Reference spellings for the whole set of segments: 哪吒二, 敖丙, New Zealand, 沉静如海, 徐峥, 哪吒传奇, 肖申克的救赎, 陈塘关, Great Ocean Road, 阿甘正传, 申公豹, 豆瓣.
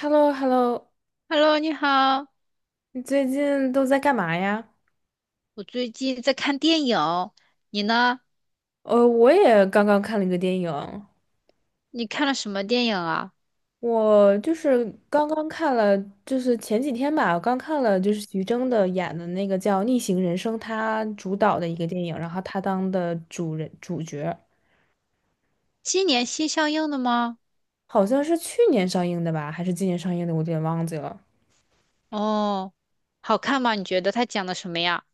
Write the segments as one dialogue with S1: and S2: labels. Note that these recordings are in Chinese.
S1: h e l l o h e l l o
S2: Hello，你好，
S1: 你最近都在干嘛呀？
S2: 我最近在看电影，你呢？
S1: 我也刚刚看了一个电影。
S2: 你看了什么电影啊？
S1: 我就是刚刚看了，就是前几天吧，我刚看了就是徐峥的演的那个叫《逆行人生》，他主导的一个电影，然后他当的主角，
S2: 今年新上映的吗？
S1: 好像是去年上映的吧，还是今年上映的，我有点忘记了。
S2: 哦，好看吗？你觉得他讲的什么呀？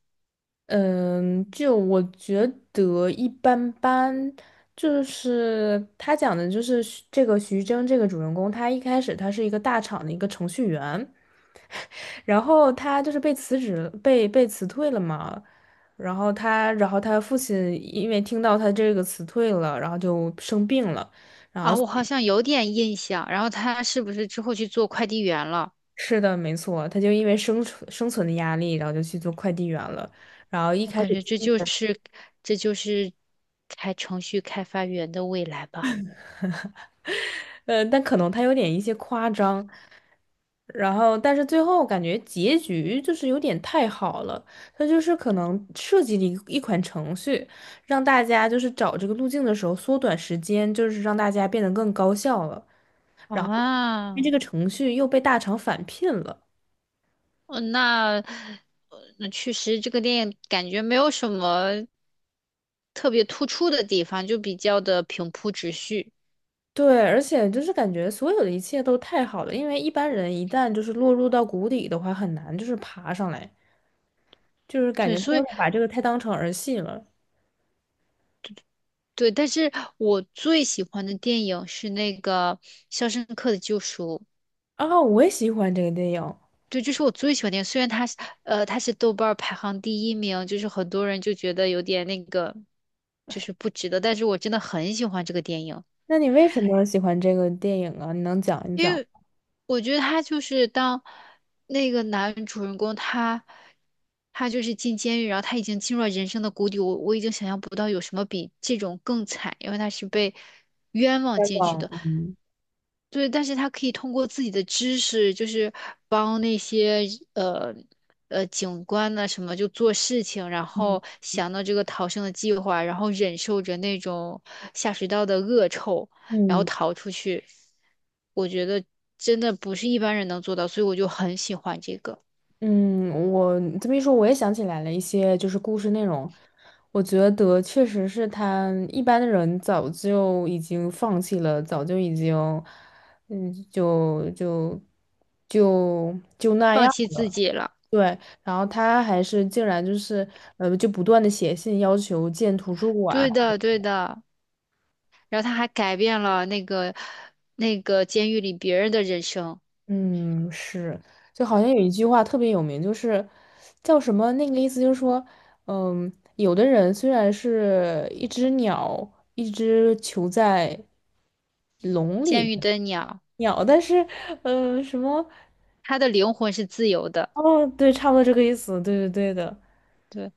S1: 嗯，就我觉得一般般。就是他讲的，就是这个徐峥这个主人公，他一开始他是一个大厂的一个程序员，然后他就是被辞职了，被辞退了嘛。然后他父亲因为听到他这个辞退了，然后就生病了。然后
S2: 啊，我好像有点印象。然后他是不是之后去做快递员了？
S1: 是的，没错，他就因为生存的压力，然后就去做快递员了，然后一
S2: 我
S1: 开
S2: 感
S1: 始。
S2: 觉这就是开程序开发员的未来吧。
S1: 但可能他有点一些夸张，然后但是最后感觉结局就是有点太好了，他就是可能设计了一款程序，让大家就是找这个路径的时候缩短时间，就是让大家变得更高效了。因为这
S2: 啊，呃
S1: 个程序又被大厂返聘了。
S2: 那那确实这个电影感觉没有什么特别突出的地方，就比较的平铺直叙。
S1: 对，而且就是感觉所有的一切都太好了，因为一般人一旦就是落入到谷底的话，很难就是爬上来，就是感
S2: 对，
S1: 觉他
S2: 所
S1: 有
S2: 以
S1: 点把这个太当成儿戏了。
S2: 对，但是我最喜欢的电影是那个《肖申克的救赎》，
S1: 啊，我也喜欢这个电影。
S2: 对，这是我最喜欢的电影。虽然它是豆瓣儿排行第1名，就是很多人就觉得有点那个，就是不值得，但是我真的很喜欢这个电影，
S1: 那你为什么喜欢这个电影啊？你能讲一
S2: 因
S1: 讲？
S2: 为我觉得他就是当那个男主人公他。他就是进监狱，然后他已经进入了人生的谷底。我已经想象不到有什么比这种更惨，因为他是被冤枉
S1: 再
S2: 进去
S1: 讲。
S2: 的。
S1: 嗯。
S2: 对，但是他可以通过自己的知识，就是帮那些呃警官呢什么就做事情，然后
S1: 嗯。
S2: 想到这个逃生的计划，然后忍受着那种下水道的恶臭，然后
S1: 嗯。
S2: 逃出去。我觉得真的不是一般人能做到，所以我就很喜欢这个，
S1: 嗯，我这么一说，我也想起来了一些就是故事内容。我觉得确实是他一般的人早就已经放弃了，早就已经。嗯，就就就那
S2: 放
S1: 样
S2: 弃自
S1: 了。
S2: 己了。
S1: 对，然后他还是竟然就是就不断的写信要求建图书馆。
S2: 对的，对的。然后他还改变了那个监狱里别人的人生，
S1: 嗯，是，就好像有一句话特别有名，就是叫什么？那个意思就是说，嗯，有的人虽然是一只鸟，一只囚在笼里
S2: 监
S1: 的
S2: 狱的鸟，
S1: 鸟，但是，什么？
S2: 他的灵魂是自由的。
S1: 哦，对，差不多这个意思，对对对的。
S2: 对。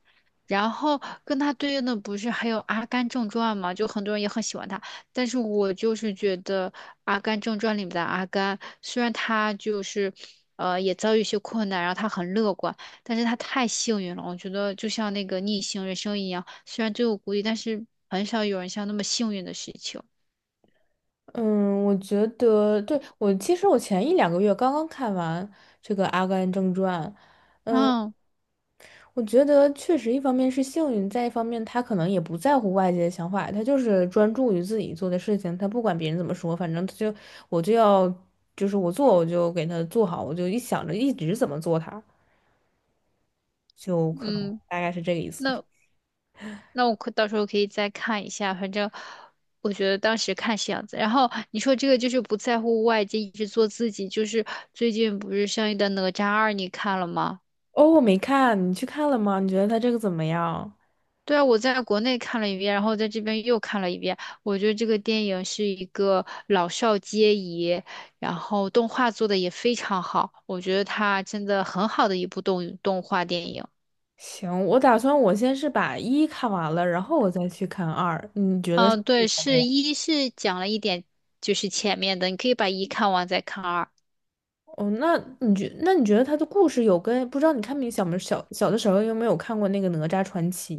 S2: 然后跟他对应的不是还有《阿甘正传》嘛，就很多人也很喜欢他，但是我就是觉得《阿甘正传》里面的阿甘，虽然他就是，也遭遇一些困难，然后他很乐观，但是他太幸运了。我觉得就像那个逆行人生一样，虽然最后孤立，但是很少有人像那么幸运的事情。
S1: 嗯，我觉得对我其实我前一两个月刚刚看完这个《阿甘正传》。
S2: 然
S1: 我觉得确实，一方面是幸运，再一方面他可能也不在乎外界的想法，他就是专注于自己做的事情，他不管别人怎么说，反正他就我就要，就是我做我就给他做好，我就一想着一直怎么做他，就可能
S2: 嗯，
S1: 大概是这个意思。
S2: 那那我可到时候可以再看一下，反正我觉得当时看是样子。然后你说这个就是不在乎外界，一直做自己，就是最近不是上映的《哪吒二》，你看了吗？
S1: 哦，我没看，你去看了吗？你觉得他这个怎么样？
S2: 对啊，我在国内看了一遍，然后在这边又看了一遍。我觉得这个电影是一个老少皆宜，然后动画做的也非常好，我觉得它真的很好的一部动画电影。
S1: 行，我打算我先是把一看完了，然后我再去看二，你觉得是。
S2: 嗯，对，是讲了一点，就是前面的，你可以把一看完再看二。
S1: 哦，那你觉得他的故事有跟不知道你看没小小的时候有没有看过那个《哪吒传奇》，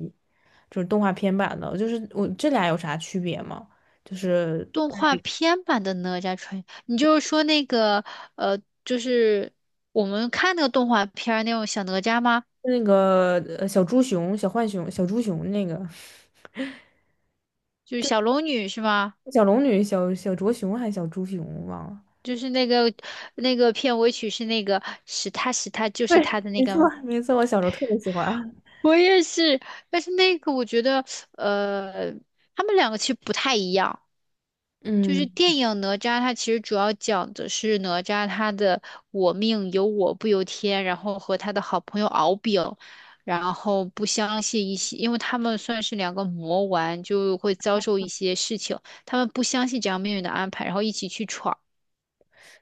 S1: 就是动画片版的，就是我这俩有啥区别吗？就是
S2: 动画片版的哪吒传，你就是说那个就是我们看那个动画片儿那种小哪吒吗？
S1: 那个小猪熊、小浣熊、小猪熊那个
S2: 就是小龙女是吗？
S1: 小龙女、小小卓熊还是小猪熊忘了。
S2: 就是那个片尾曲是那个是他就
S1: 对，
S2: 是他的那
S1: 没错，
S2: 个吗？
S1: 没错，我小时候特别喜欢。
S2: 我也是，但是那个我觉得呃，他们两个其实不太一样。就是
S1: 嗯，
S2: 电影《哪吒》，它其实主要讲的是哪吒他的“我命由我不由天”，然后和他的好朋友敖丙，然后不相信一些，因为他们算是两个魔丸，就会遭受一些事情，他们不相信这样命运的安排，然后一起去闯。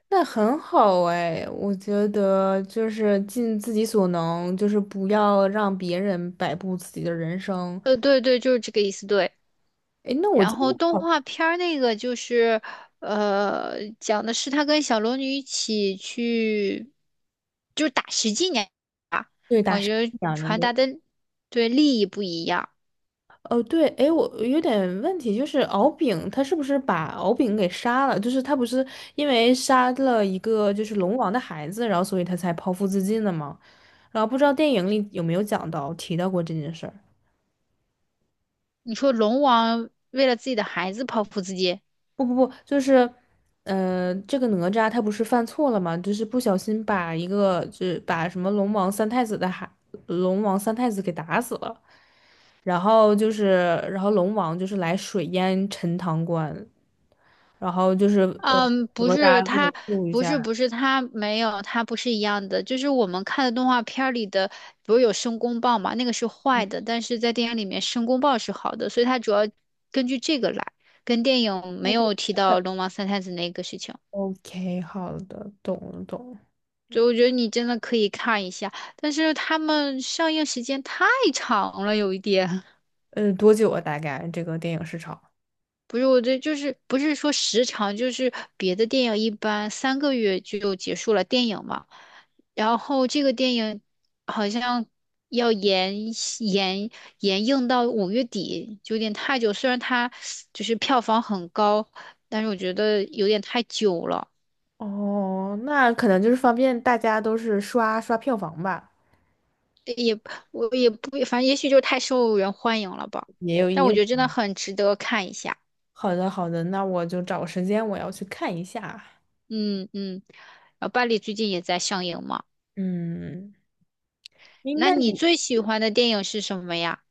S1: 那很好哎，我觉得就是尽自己所能，就是不要让别人摆布自己的人生。
S2: 对对，就是这个意思，对。
S1: 哎，那我
S2: 然
S1: 今天
S2: 后动
S1: 好，
S2: 画片儿那个就是，讲的是他跟小龙女一起去，就是打十几年。
S1: 对，打
S2: 我
S1: 生
S2: 觉得
S1: 讲养着的。
S2: 传
S1: 对，
S2: 达的对利益不一样。
S1: 哦，对，哎，我有点问题，就是敖丙他是不是把敖丙给杀了？就是他不是因为杀了一个就是龙王的孩子，然后所以他才剖腹自尽的吗？然后不知道电影里有没有讲到提到过这件事儿。
S2: 你说龙王为了自己的孩子剖腹自尽，
S1: 不不不，就是，这个哪吒他不是犯错了吗？就是不小心把一个，就是把什么龙王三太子的孩，龙王三太子给打死了，然后就是，然后龙王就是来水淹陈塘关，然后就是呃，
S2: 嗯，
S1: 哪
S2: 不是
S1: 吒就来
S2: 他，
S1: 救一
S2: 不是
S1: 下。
S2: 不是他没有，他不是一样的。就是我们看的动画片儿里的，不是有申公豹嘛，那个是坏的，但是在电影里面申公豹是好的，所以他主要根据这个来，跟电影没
S1: 哦，对，
S2: 有提到龙王三太子那个事情。
S1: OK，好的，懂了懂了。
S2: 所以我觉得你真的可以看一下，但是他们上映时间太长了，有一点。
S1: 多久啊？大概这个电影市场？
S2: 不是，我这就是不是说时长，就是别的电影一般3个月就结束了电影嘛，然后这个电影好像要延延映到5月底，就有点太久。虽然它就是票房很高，但是我觉得有点太久了。
S1: 哦，那可能就是方便大家都是刷刷票房吧，
S2: 我也不，反正也许就是太受人欢迎了吧。
S1: 也有也
S2: 但我
S1: 有。
S2: 觉得真的很值得看一下。
S1: 好的，好的，那我就找个时间我要去看一下。
S2: 嗯嗯，然后巴黎最近也在上映嘛。
S1: 嗯，你
S2: 那
S1: 那
S2: 你
S1: 你，
S2: 最喜欢的电影是什么呀？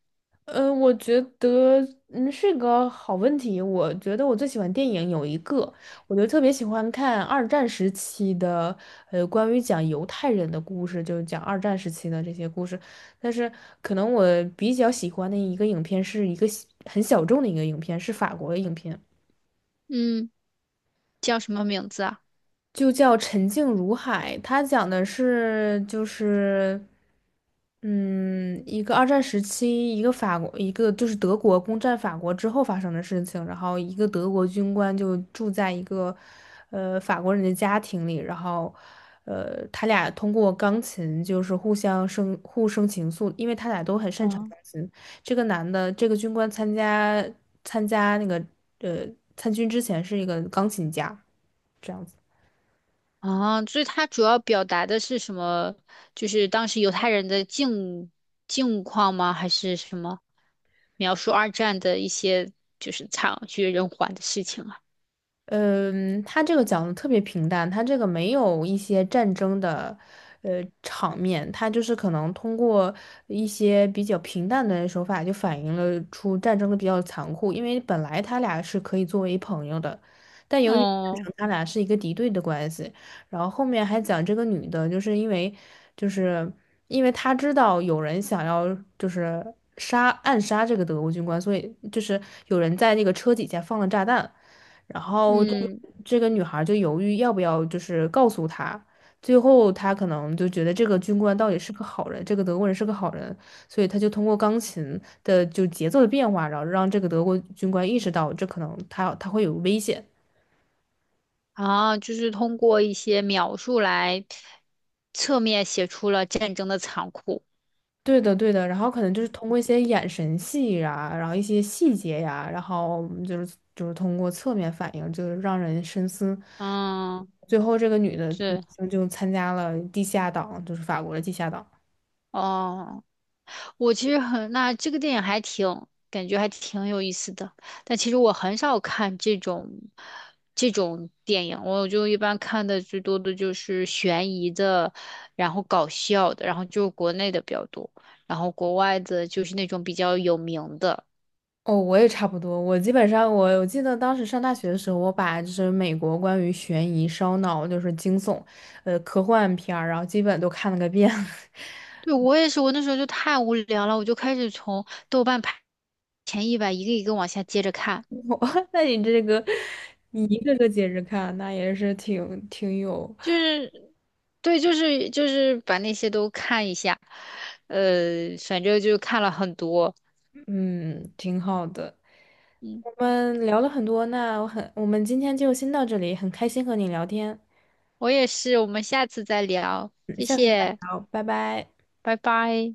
S1: 我觉得是个好问题。我觉得我最喜欢电影有一个，我就特别喜欢看二战时期的，关于讲犹太人的故事，就是讲二战时期的这些故事。但是可能我比较喜欢的一个影片是一个很小众的一个影片，是法国的影片。
S2: 嗯，叫什么名字啊？
S1: 就叫《沉静如海》，它讲的是就是，嗯，一个二战时期，一个法国，一个就是德国攻占法国之后发生的事情。然后一个德国军官就住在一个，法国人的家庭里，然后，他俩通过钢琴就是互生情愫，因为他俩都很擅长
S2: 啊，
S1: 钢琴。这个男的，这个军官参加参加那个呃参军之前是一个钢琴家。这样子。
S2: 啊，所以它主要表达的是什么？就是当时犹太人的境况吗？还是什么？描述二战的一些就是惨绝人寰的事情啊。
S1: 嗯，他这个讲的特别平淡，他这个没有一些战争的，场面，他就是可能通过一些比较平淡的手法，就反映了出战争的比较残酷。因为本来他俩是可以作为朋友的，但由于战
S2: 哦，
S1: 争他俩是一个敌对的关系，然后后面还讲这个女的，就是因为他知道有人想要就是暗杀这个德国军官，所以就是有人在那个车底下放了炸弹。然后这个
S2: 嗯，
S1: 这个女孩就犹豫要不要就是告诉他，最后他可能就觉得这个军官到底是个好人，这个德国人是个好人，所以他就通过钢琴的就节奏的变化，然后让这个德国军官意识到这可能他会有危险。
S2: 啊，就是通过一些描述来侧面写出了战争的残酷。
S1: 对的，对的，然后可能就是通过一些眼神戏呀，然后一些细节呀，然后就是通过侧面反应，就是让人深思。
S2: 嗯，
S1: 最后，这个女的
S2: 对，
S1: 就参加了地下党，就是法国的地下党。
S2: 哦。我其实很，那这个电影还挺，感觉还挺有意思的。但其实我很少看这种电影，我就一般看的最多的就是悬疑的，然后搞笑的，然后就国内的比较多，然后国外的就是那种比较有名的。
S1: 哦，我也差不多。我基本上，我记得当时上大学的时候，我把就是美国关于悬疑、烧脑，就是惊悚，科幻片儿，然后基本都看了个遍。
S2: 对，我也是，我那时候就太无聊了，我就开始从豆瓣排前100一个一个往下接着看。
S1: 哇，那你一个个接着看，那也是挺有。
S2: 就是对，就是就是把那些都看一下，反正就看了很多。
S1: 嗯，挺好的。
S2: 嗯，
S1: 我们聊了很多，那我很，我们今天就先到这里，很开心和你聊天。
S2: 我也是，我们下次再聊，
S1: 嗯，
S2: 谢
S1: 下次再
S2: 谢，
S1: 聊，拜拜。
S2: 拜拜。